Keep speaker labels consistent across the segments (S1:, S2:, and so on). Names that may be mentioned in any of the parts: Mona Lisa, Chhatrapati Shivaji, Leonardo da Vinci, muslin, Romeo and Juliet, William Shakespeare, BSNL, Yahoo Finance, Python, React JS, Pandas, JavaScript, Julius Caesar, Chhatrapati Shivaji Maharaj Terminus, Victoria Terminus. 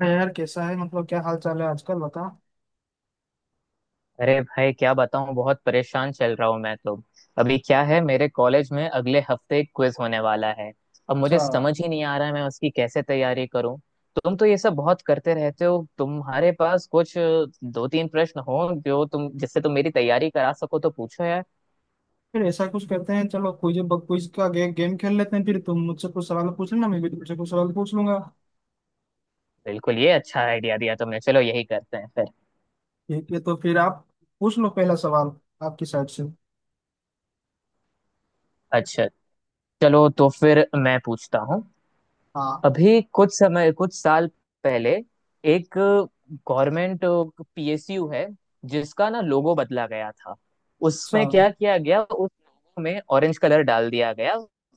S1: हाँ यार कैसा है मतलब क्या हाल चाल है आजकल बता।
S2: अरे भाई क्या बताऊँ, बहुत परेशान चल रहा हूँ मैं तो। अभी क्या है, मेरे कॉलेज में अगले हफ्ते एक क्विज होने वाला है। अब
S1: अच्छा।
S2: मुझे समझ ही नहीं आ रहा है मैं उसकी कैसे तैयारी करूँ। तुम तो ये सब बहुत करते रहते हो, तुम्हारे पास कुछ दो तीन प्रश्न हो जो तुम जिससे तुम मेरी तैयारी करा सको तो पूछो यार।
S1: फिर ऐसा कुछ करते हैं चलो क्विज क्विज का गेम खेल लेते हैं फिर तुम मुझसे कुछ सवाल पूछ लेना मैं भी तुमसे कुछ सवाल पूछ लूंगा।
S2: बिल्कुल ये अच्छा आइडिया दिया तुमने, चलो यही करते हैं फिर।
S1: ठीक है तो फिर आप पूछ लो पहला सवाल आपकी साइड से।
S2: अच्छा, चलो तो फिर मैं पूछता हूँ।
S1: हाँ।
S2: अभी कुछ समय कुछ साल पहले एक गवर्नमेंट पीएसयू है जिसका ना लोगो बदला गया था।
S1: अच्छा
S2: उसमें क्या
S1: हाँ,
S2: किया गया, उस लोगो में ऑरेंज कलर डाल दिया गया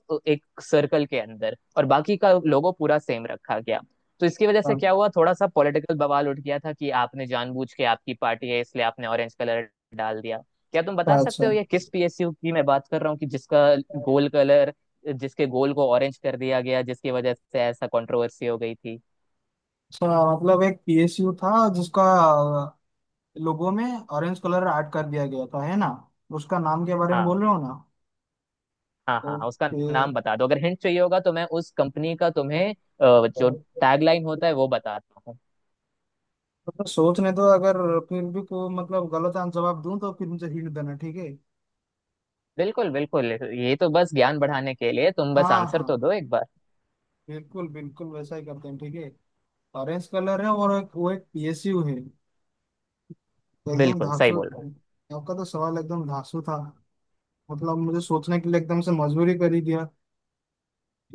S2: तो एक सर्कल के अंदर, और बाकी का लोगो पूरा सेम रखा गया। तो इसकी वजह से क्या हुआ, थोड़ा सा पॉलिटिकल बवाल उठ गया था कि आपने जानबूझ के, आपकी पार्टी है इसलिए आपने ऑरेंज कलर डाल दिया। क्या तुम बता
S1: अच्छा
S2: सकते
S1: अच्छा
S2: हो ये किस पीएसयू की मैं बात कर रहा हूँ, कि जिसका गोल कलर, जिसके गोल को ऑरेंज कर दिया गया, जिसकी वजह से ऐसा कंट्रोवर्सी हो गई थी।
S1: अच्छा, मतलब एक पीएसयू था जिसका लोगो में ऑरेंज कलर ऐड कर दिया गया था है ना। उसका नाम के बारे में बोल
S2: हाँ
S1: रहे हो ना।
S2: हाँ हाँ हाँ, उसका नाम बता दो। अगर हिंट चाहिए होगा तो मैं उस कंपनी का तुम्हें जो
S1: ओके।
S2: टैगलाइन होता है वो बताता हूँ।
S1: मतलब सोचने दो अगर फिर भी को मतलब गलत आंसर जवाब दूं तो फिर मुझे हिंट देना ठीक है।
S2: बिल्कुल बिल्कुल, ये तो बस ज्ञान बढ़ाने के लिए, तुम बस
S1: हाँ
S2: आंसर
S1: हाँ
S2: तो दो एक बार।
S1: बिल्कुल बिल्कुल वैसा ही करते हैं ठीक है। ऑरेंज कलर है और एक वो एक पीएसयू है तो एकदम
S2: बिल्कुल सही
S1: धांसू।
S2: बोल रहे
S1: आपका तो सवाल एकदम धांसू था। मतलब मुझे सोचने के लिए एकदम से मजबूरी कर ही दिया।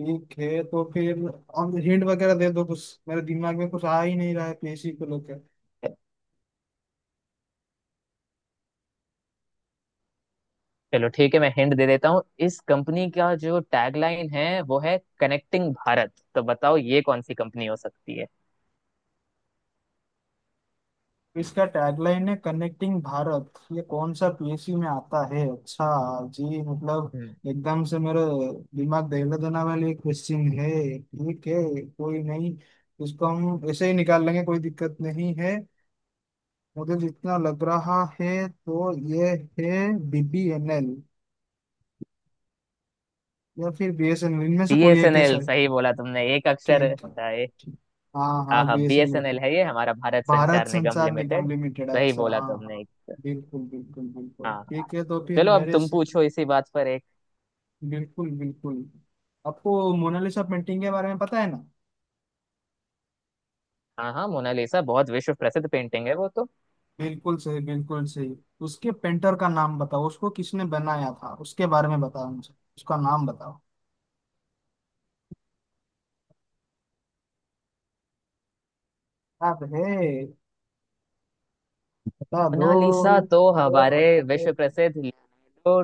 S1: ठीक है तो फिर अब हिंट वगैरह दे दो कुछ मेरे दिमाग में कुछ आ ही नहीं रहा है पीएसयू को लेकर।
S2: हो। चलो ठीक है, मैं हिंट दे देता हूँ। इस कंपनी का जो टैगलाइन है वो है कनेक्टिंग भारत, तो बताओ ये कौन सी कंपनी हो सकती है।
S1: इसका टैगलाइन है कनेक्टिंग भारत ये कौन सा पीएसयू में आता है अच्छा जी। मतलब एकदम से मेरा दिमाग दहला देने वाली क्वेश्चन है। ठीक है कोई नहीं। इसको हम ऐसे ही निकाल लेंगे कोई दिक्कत नहीं है। मुझे जितना लग रहा है तो ये है बीबीएनएल या फिर बीएसएनएल इनमें से कोई है क्या
S2: बीएसएनएल,
S1: सर।
S2: सही बोला तुमने एक अक्षर।
S1: ठीक है, ठीक। हाँ
S2: हाँ
S1: हाँ
S2: हाँ,
S1: बीएसएनएल।
S2: बीएसएनएल है ये, हमारा भारत
S1: भारत
S2: संचार निगम
S1: संचार
S2: लिमिटेड।
S1: निगम लिमिटेड
S2: सही
S1: अच्छा
S2: बोला
S1: हाँ
S2: तुमने
S1: हाँ।
S2: एक।
S1: बिल्कुल बिल्कुल बिल्कुल
S2: हाँ हाँ।
S1: ठीक है तो फिर
S2: चलो अब तुम पूछो इसी बात पर एक।
S1: बिल्कुल बिल्कुल। आपको मोनालिसा पेंटिंग के बारे में पता है ना।
S2: हाँ हाँ, मोनालिसा बहुत विश्व प्रसिद्ध पेंटिंग है वो तो।
S1: बिल्कुल सही बिल्कुल सही। उसके पेंटर का नाम बताओ उसको किसने बनाया था उसके बारे में बताओ मुझे उसका नाम बताओ। याद है बता
S2: मोनालिसा
S1: दो।
S2: तो हमारे विश्व प्रसिद्ध लियोनार्डो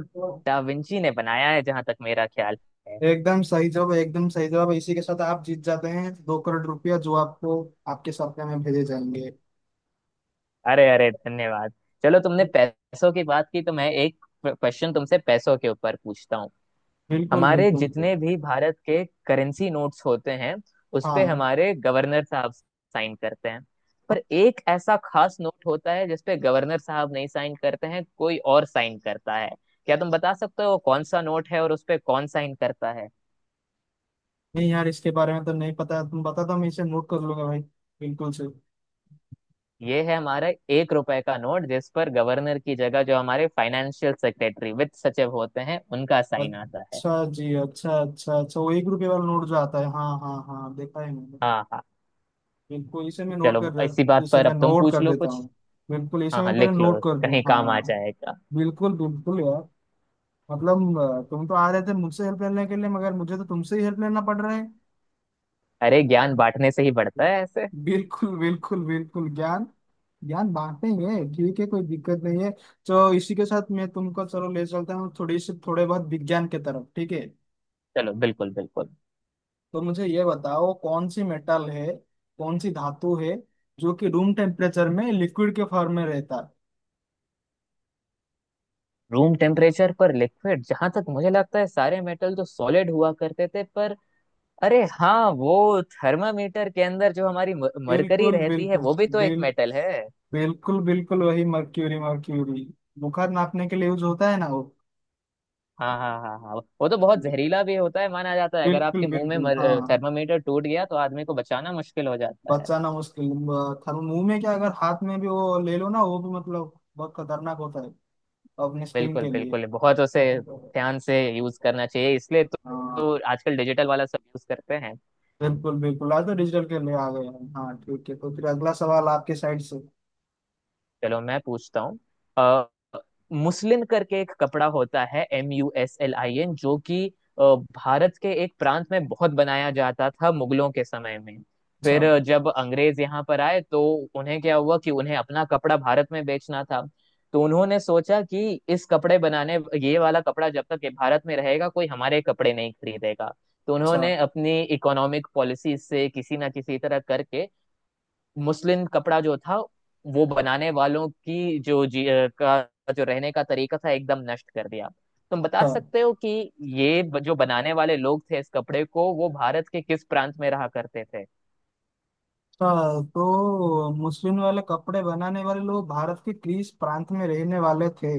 S2: डा विंची ने बनाया है, जहां तक मेरा ख्याल है।
S1: एकदम सही जवाब इसी के साथ आप जीत जाते हैं 2 करोड़ रुपया जो आपको आपके सप्ते में भेजे जाएंगे।
S2: अरे अरे, धन्यवाद। चलो तुमने पैसों की बात की तो मैं एक क्वेश्चन तुमसे पैसों के ऊपर पूछता हूँ।
S1: बिल्कुल
S2: हमारे
S1: बिल्कुल
S2: जितने भी भारत के करेंसी नोट्स होते हैं, उस पे
S1: हाँ।
S2: हमारे गवर्नर साहब साइन करते हैं। पर एक ऐसा खास नोट होता है जिसपे गवर्नर साहब नहीं साइन करते हैं, कोई और साइन करता है। क्या तुम बता सकते हो कौन सा नोट है और उस पे कौन साइन करता है।
S1: नहीं यार इसके बारे में तो नहीं पता तुम बता दो मैं इसे नोट कर लूंगा भाई। बिल्कुल से।
S2: ये है हमारा 1 रुपए का नोट, जिस पर गवर्नर की जगह जो हमारे फाइनेंशियल सेक्रेटरी, वित्त सचिव होते हैं, उनका साइन आता है।
S1: अच्छा जी अच्छा अच्छा अच्छा वो 1 रुपये वाला नोट जो आता है हाँ हाँ हाँ देखा है मैंने।
S2: हाँ हाँ।
S1: बिल्कुल इसे मैं
S2: चलो इसी बात
S1: इसे
S2: पर
S1: मैं
S2: अब तुम
S1: नोट
S2: पूछ
S1: कर
S2: लो
S1: देता
S2: कुछ।
S1: हूँ। बिल्कुल इसे
S2: हाँ हाँ,
S1: मैं पहले
S2: लिख लो,
S1: नोट कर दूँ
S2: कहीं काम आ
S1: हाँ।
S2: जाएगा।
S1: बिल्कुल बिल्कुल यार। मतलब तुम तो आ रहे थे मुझसे हेल्प लेने के लिए मगर मुझे तो तुमसे ही हेल्प लेना पड़ रहा है।
S2: अरे ज्ञान बांटने से ही बढ़ता है ऐसे।
S1: बिल्कुल बिल्कुल बिल्कुल ज्ञान ज्ञान बांटेंगे। ठीक है कोई दिक्कत नहीं है। तो इसी के साथ मैं तुमको चलो ले चलता हूँ थोड़ी सी थोड़े बहुत विज्ञान के तरफ ठीक है।
S2: चलो बिल्कुल बिल्कुल।
S1: तो मुझे ये बताओ कौन सी मेटल है कौन सी धातु है जो कि रूम टेम्परेचर में लिक्विड के फॉर्म में रहता
S2: रूम
S1: है।
S2: टेम्परेचर पर लिक्विड, जहां तक मुझे लगता है सारे मेटल तो सॉलिड हुआ करते थे पर, अरे हाँ, वो थर्मामीटर के अंदर जो हमारी मरकरी
S1: बिल्कुल
S2: रहती है,
S1: बिल्कुल।
S2: वो भी तो एक
S1: बिल
S2: मेटल है।
S1: बिल्कुल बिल्कुल वही मर्क्यूरी मर्क्यूरी। बुखार नापने के लिए यूज होता है ना वो।
S2: हाँ हाँ हाँ हाँ, वो तो बहुत जहरीला भी होता है माना जाता है। अगर
S1: बिल्कुल
S2: आपके मुंह
S1: बिल्कुल
S2: में
S1: हाँ।
S2: थर्मामीटर टूट गया तो आदमी को बचाना मुश्किल हो जाता है।
S1: बचाना मुश्किल। थर्मो मुंह में क्या अगर हाथ में भी वो ले लो ना वो भी मतलब बहुत खतरनाक होता है। अपनी स्क्रीन
S2: बिल्कुल
S1: के लिए।
S2: बिल्कुल, बहुत उसे
S1: हाँ।
S2: ध्यान से यूज करना चाहिए इसलिए तो। तो आजकल डिजिटल वाला सब यूज करते हैं।
S1: बिल्कुल बिल्कुल आज तो डिजिटल के लिए आ गए हैं हाँ ठीक है तो फिर अगला सवाल आपके साइड से।
S2: चलो मैं पूछता हूँ। अ, मुस्लिन करके एक कपड़ा होता है, MUSLIN, जो कि अ, भारत के एक प्रांत में बहुत बनाया जाता था मुगलों के समय में।
S1: अच्छा।
S2: फिर जब अंग्रेज यहाँ पर आए तो उन्हें क्या हुआ कि उन्हें अपना कपड़ा भारत में बेचना था। तो उन्होंने सोचा कि इस कपड़े बनाने ये वाला कपड़ा जब तक ये भारत में रहेगा कोई हमारे कपड़े नहीं खरीदेगा। तो
S1: अच्छा
S2: उन्होंने अपनी इकोनॉमिक पॉलिसी से किसी ना किसी तरह करके मुस्लिन कपड़ा जो था, वो बनाने वालों की जो रहने का तरीका था एकदम नष्ट कर दिया। तुम बता
S1: अच्छा
S2: सकते हो कि ये जो बनाने वाले लोग थे इस कपड़े को, वो भारत के किस प्रांत में रहा करते थे।
S1: अच्छा तो मुस्लिम वाले कपड़े बनाने वाले लोग भारत के ग्रीस प्रांत में रहने वाले थे।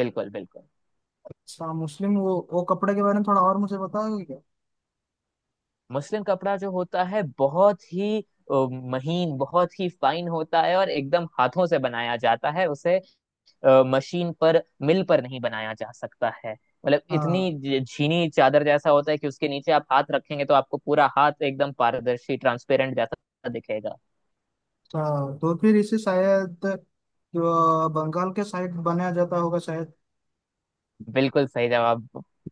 S2: बिल्कुल बिल्कुल।
S1: अच्छा मुस्लिम वो कपड़े के बारे में थोड़ा और मुझे बताओगे क्या।
S2: मुस्लिन कपड़ा जो होता है बहुत ही अ, महीन, बहुत ही फाइन होता है, और एकदम हाथों से बनाया जाता है उसे, मशीन पर, मिल पर नहीं बनाया जा सकता है। मतलब इतनी
S1: हाँ।
S2: झीनी चादर जैसा होता है कि उसके नीचे आप हाथ रखेंगे तो आपको पूरा हाथ एकदम पारदर्शी, ट्रांसपेरेंट जैसा दिखेगा।
S1: अच्छा तो फिर इसे शायद जो बंगाल के साइड बनाया जाता होगा शायद।
S2: बिल्कुल सही जवाब।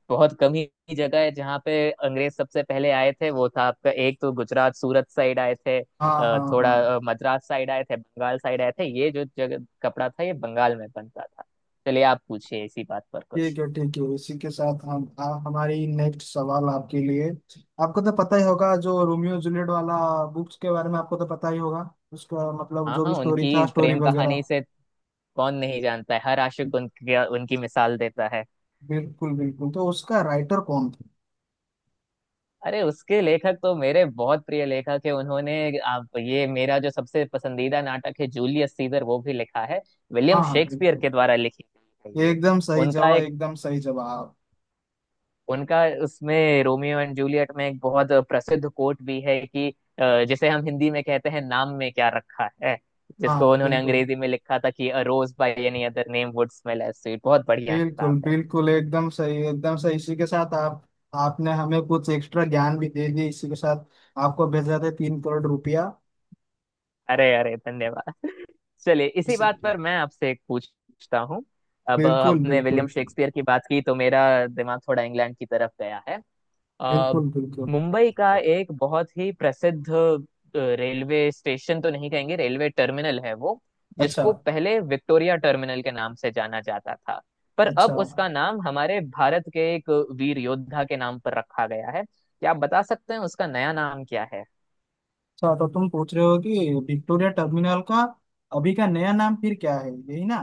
S2: बहुत कम ही जगह है जहाँ पे अंग्रेज सबसे पहले आए थे। वो था आपका एक तो गुजरात, सूरत साइड आए थे,
S1: हाँ हाँ
S2: थोड़ा
S1: हाँ।
S2: मद्रास साइड आए थे, बंगाल साइड आए थे। ये जो जगह कपड़ा था ये बंगाल में बनता था। चलिए आप पूछिए इसी बात पर कुछ।
S1: ठीक है इसी के साथ हम हमारी नेक्स्ट सवाल आपके लिए। आपको तो पता ही होगा जो रोमियो जूलियट वाला बुक्स के बारे में आपको तो पता ही होगा। उसका मतलब
S2: हाँ
S1: जो
S2: हाँ,
S1: भी स्टोरी था
S2: उनकी
S1: स्टोरी
S2: प्रेम कहानी
S1: वगैरह।
S2: से कौन नहीं जानता है, हर आशिक उनकी उनकी मिसाल देता है।
S1: बिल्कुल बिल्कुल तो उसका राइटर कौन था।
S2: अरे उसके लेखक तो मेरे बहुत प्रिय लेखक है, उन्होंने आप ये मेरा जो सबसे पसंदीदा नाटक है जूलियस सीजर वो भी लिखा है।
S1: हाँ
S2: विलियम
S1: हाँ
S2: शेक्सपियर
S1: बिल्कुल।
S2: के द्वारा लिखी गई है
S1: ये
S2: ये।
S1: एकदम सही
S2: उनका
S1: जवाब
S2: एक
S1: एकदम सही जवाब।
S2: उनका उसमें, रोमियो एंड जूलियट में एक बहुत प्रसिद्ध कोट भी है कि जिसे हम हिंदी में कहते हैं नाम में क्या रखा है,
S1: हाँ
S2: जिसको
S1: हाँ,
S2: उन्होंने
S1: बिल्कुल।
S2: अंग्रेजी में लिखा था कि a rose by any other name would smell as sweet. बहुत बढ़िया किताब
S1: बिल्कुल
S2: है।
S1: बिल्कुल एकदम सही इसी के साथ आप। आपने हमें कुछ एक्स्ट्रा ज्ञान भी दे दिया इसी के साथ। आपको भेजा था 3 करोड़ रुपया।
S2: अरे अरे, धन्यवाद। चलिए इसी
S1: इसी।
S2: बात पर मैं आपसे एक पूछता हूँ। अब
S1: बिल्कुल
S2: हमने विलियम
S1: बिल्कुल
S2: शेक्सपियर की बात की तो मेरा दिमाग थोड़ा इंग्लैंड की तरफ गया है। अ,
S1: बिल्कुल बिल्कुल।
S2: मुंबई का एक बहुत ही प्रसिद्ध रेलवे स्टेशन, तो नहीं कहेंगे, रेलवे टर्मिनल है वो,
S1: अच्छा
S2: जिसको पहले विक्टोरिया टर्मिनल के नाम से जाना जाता था। पर
S1: अच्छा
S2: अब
S1: अच्छा
S2: उसका नाम हमारे भारत के एक वीर योद्धा के नाम पर रखा गया है। क्या आप बता सकते हैं उसका नया नाम क्या है।
S1: तो तुम पूछ रहे हो कि विक्टोरिया टर्मिनल का अभी का नया नाम फिर क्या है यही ना।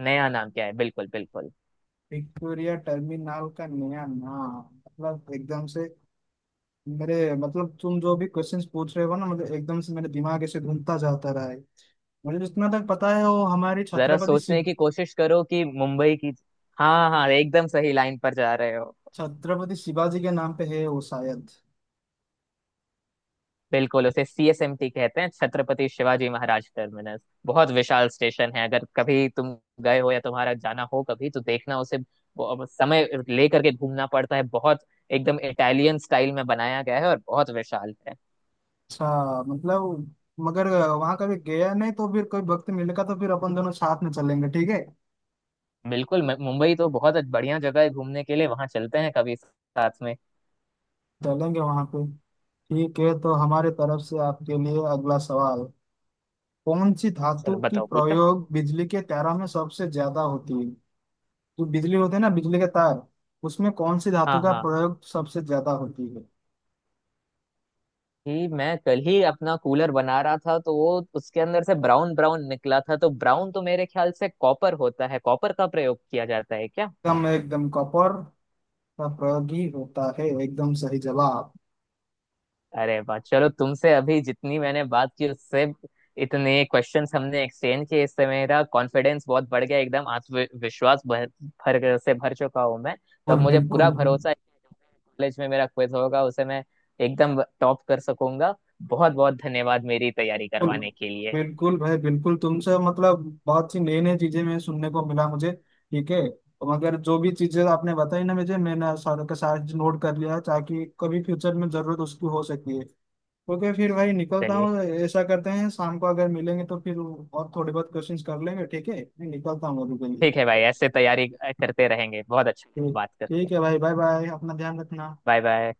S2: नया नाम क्या है, बिल्कुल बिल्कुल।
S1: विक्टोरिया टर्मिनल का नया नाम मतलब एकदम से मेरे मतलब तुम जो भी क्वेश्चंस पूछ रहे हो ना मतलब एकदम से मेरे दिमाग ऐसे घूमता जाता रहा है। मुझे जितना तक पता है वो हमारे
S2: जरा सोचने की कोशिश करो कि मुंबई की। हाँ हाँ, एकदम सही लाइन पर जा रहे हो।
S1: छत्रपति शिवाजी के नाम पे है वो शायद।
S2: बिल्कुल, उसे सीएसएमटी कहते हैं, छत्रपति शिवाजी महाराज टर्मिनस। बहुत विशाल स्टेशन है। अगर कभी तुम गए हो या तुम्हारा जाना हो कभी तो देखना उसे, समय लेकर के घूमना पड़ता है बहुत, एकदम इटालियन स्टाइल में बनाया गया है और बहुत विशाल है।
S1: अच्छा। मतलब मगर वहां कभी गया नहीं तो फिर कोई वक्त मिलेगा तो फिर अपन दोनों साथ में चलेंगे ठीक है।
S2: बिल्कुल, मुंबई तो बहुत बढ़िया जगह है घूमने के लिए, वहां चलते हैं कभी साथ में।
S1: चलेंगे वहां पे। ठीक है तो हमारे तरफ से आपके लिए अगला सवाल कौन सी धातु
S2: चलो
S1: की
S2: बताओ पूछो।
S1: प्रयोग बिजली के तारों में सबसे ज्यादा होती है। जो बिजली होते हैं ना बिजली के तार उसमें कौन सी
S2: हाँ
S1: धातु का
S2: हाँ,
S1: प्रयोग सबसे ज्यादा होती है।
S2: कि मैं कल ही अपना कूलर बना रहा था, तो वो उसके अंदर से ब्राउन ब्राउन निकला था, तो ब्राउन तो मेरे ख्याल से कॉपर होता है, कॉपर का प्रयोग किया जाता है क्या।
S1: एकदम एकदम कॉपर का प्रयोग ही होता है एकदम सही जवाब।
S2: अरे वाह, चलो तुमसे अभी जितनी मैंने बात की, उससे इतने क्वेश्चंस हमने एक्सचेंज किए, इससे मेरा कॉन्फिडेंस बहुत बढ़ गया, एकदम आत्मविश्वास भर भर से भर चुका हूँ मैं तो। अब
S1: बिल्कुल
S2: मुझे
S1: बिल्कुल
S2: पूरा
S1: भी।
S2: भरोसा है कि कॉलेज में मेरा क्विज होगा उसे मैं एकदम टॉप कर सकूंगा। बहुत बहुत धन्यवाद मेरी तैयारी
S1: बिल्कुल
S2: करवाने के लिए।
S1: बिल्कुल भाई बिल्कुल तुमसे मतलब बहुत सी नई नई चीजें मैं सुनने को मिला मुझे ठीक है। मगर जो भी चीजें आपने बताई ना मुझे मैंने सारे के सारे नोट कर लिया ताकि कभी फ्यूचर में जरूरत उसकी हो सकती है। ओके फिर भाई निकलता
S2: चलिए
S1: हूँ। ऐसा करते हैं शाम को अगर मिलेंगे तो फिर और थोड़े बहुत क्वेश्चंस कर लेंगे ठीक है मैं निकलता हूँ अभी के लिए।
S2: ठीक है भाई, ऐसे तैयारी करते रहेंगे। बहुत अच्छा लगा
S1: ठीक
S2: बात करके।
S1: ठीक है भाई बाय बाय अपना ध्यान रखना।
S2: Bye bye.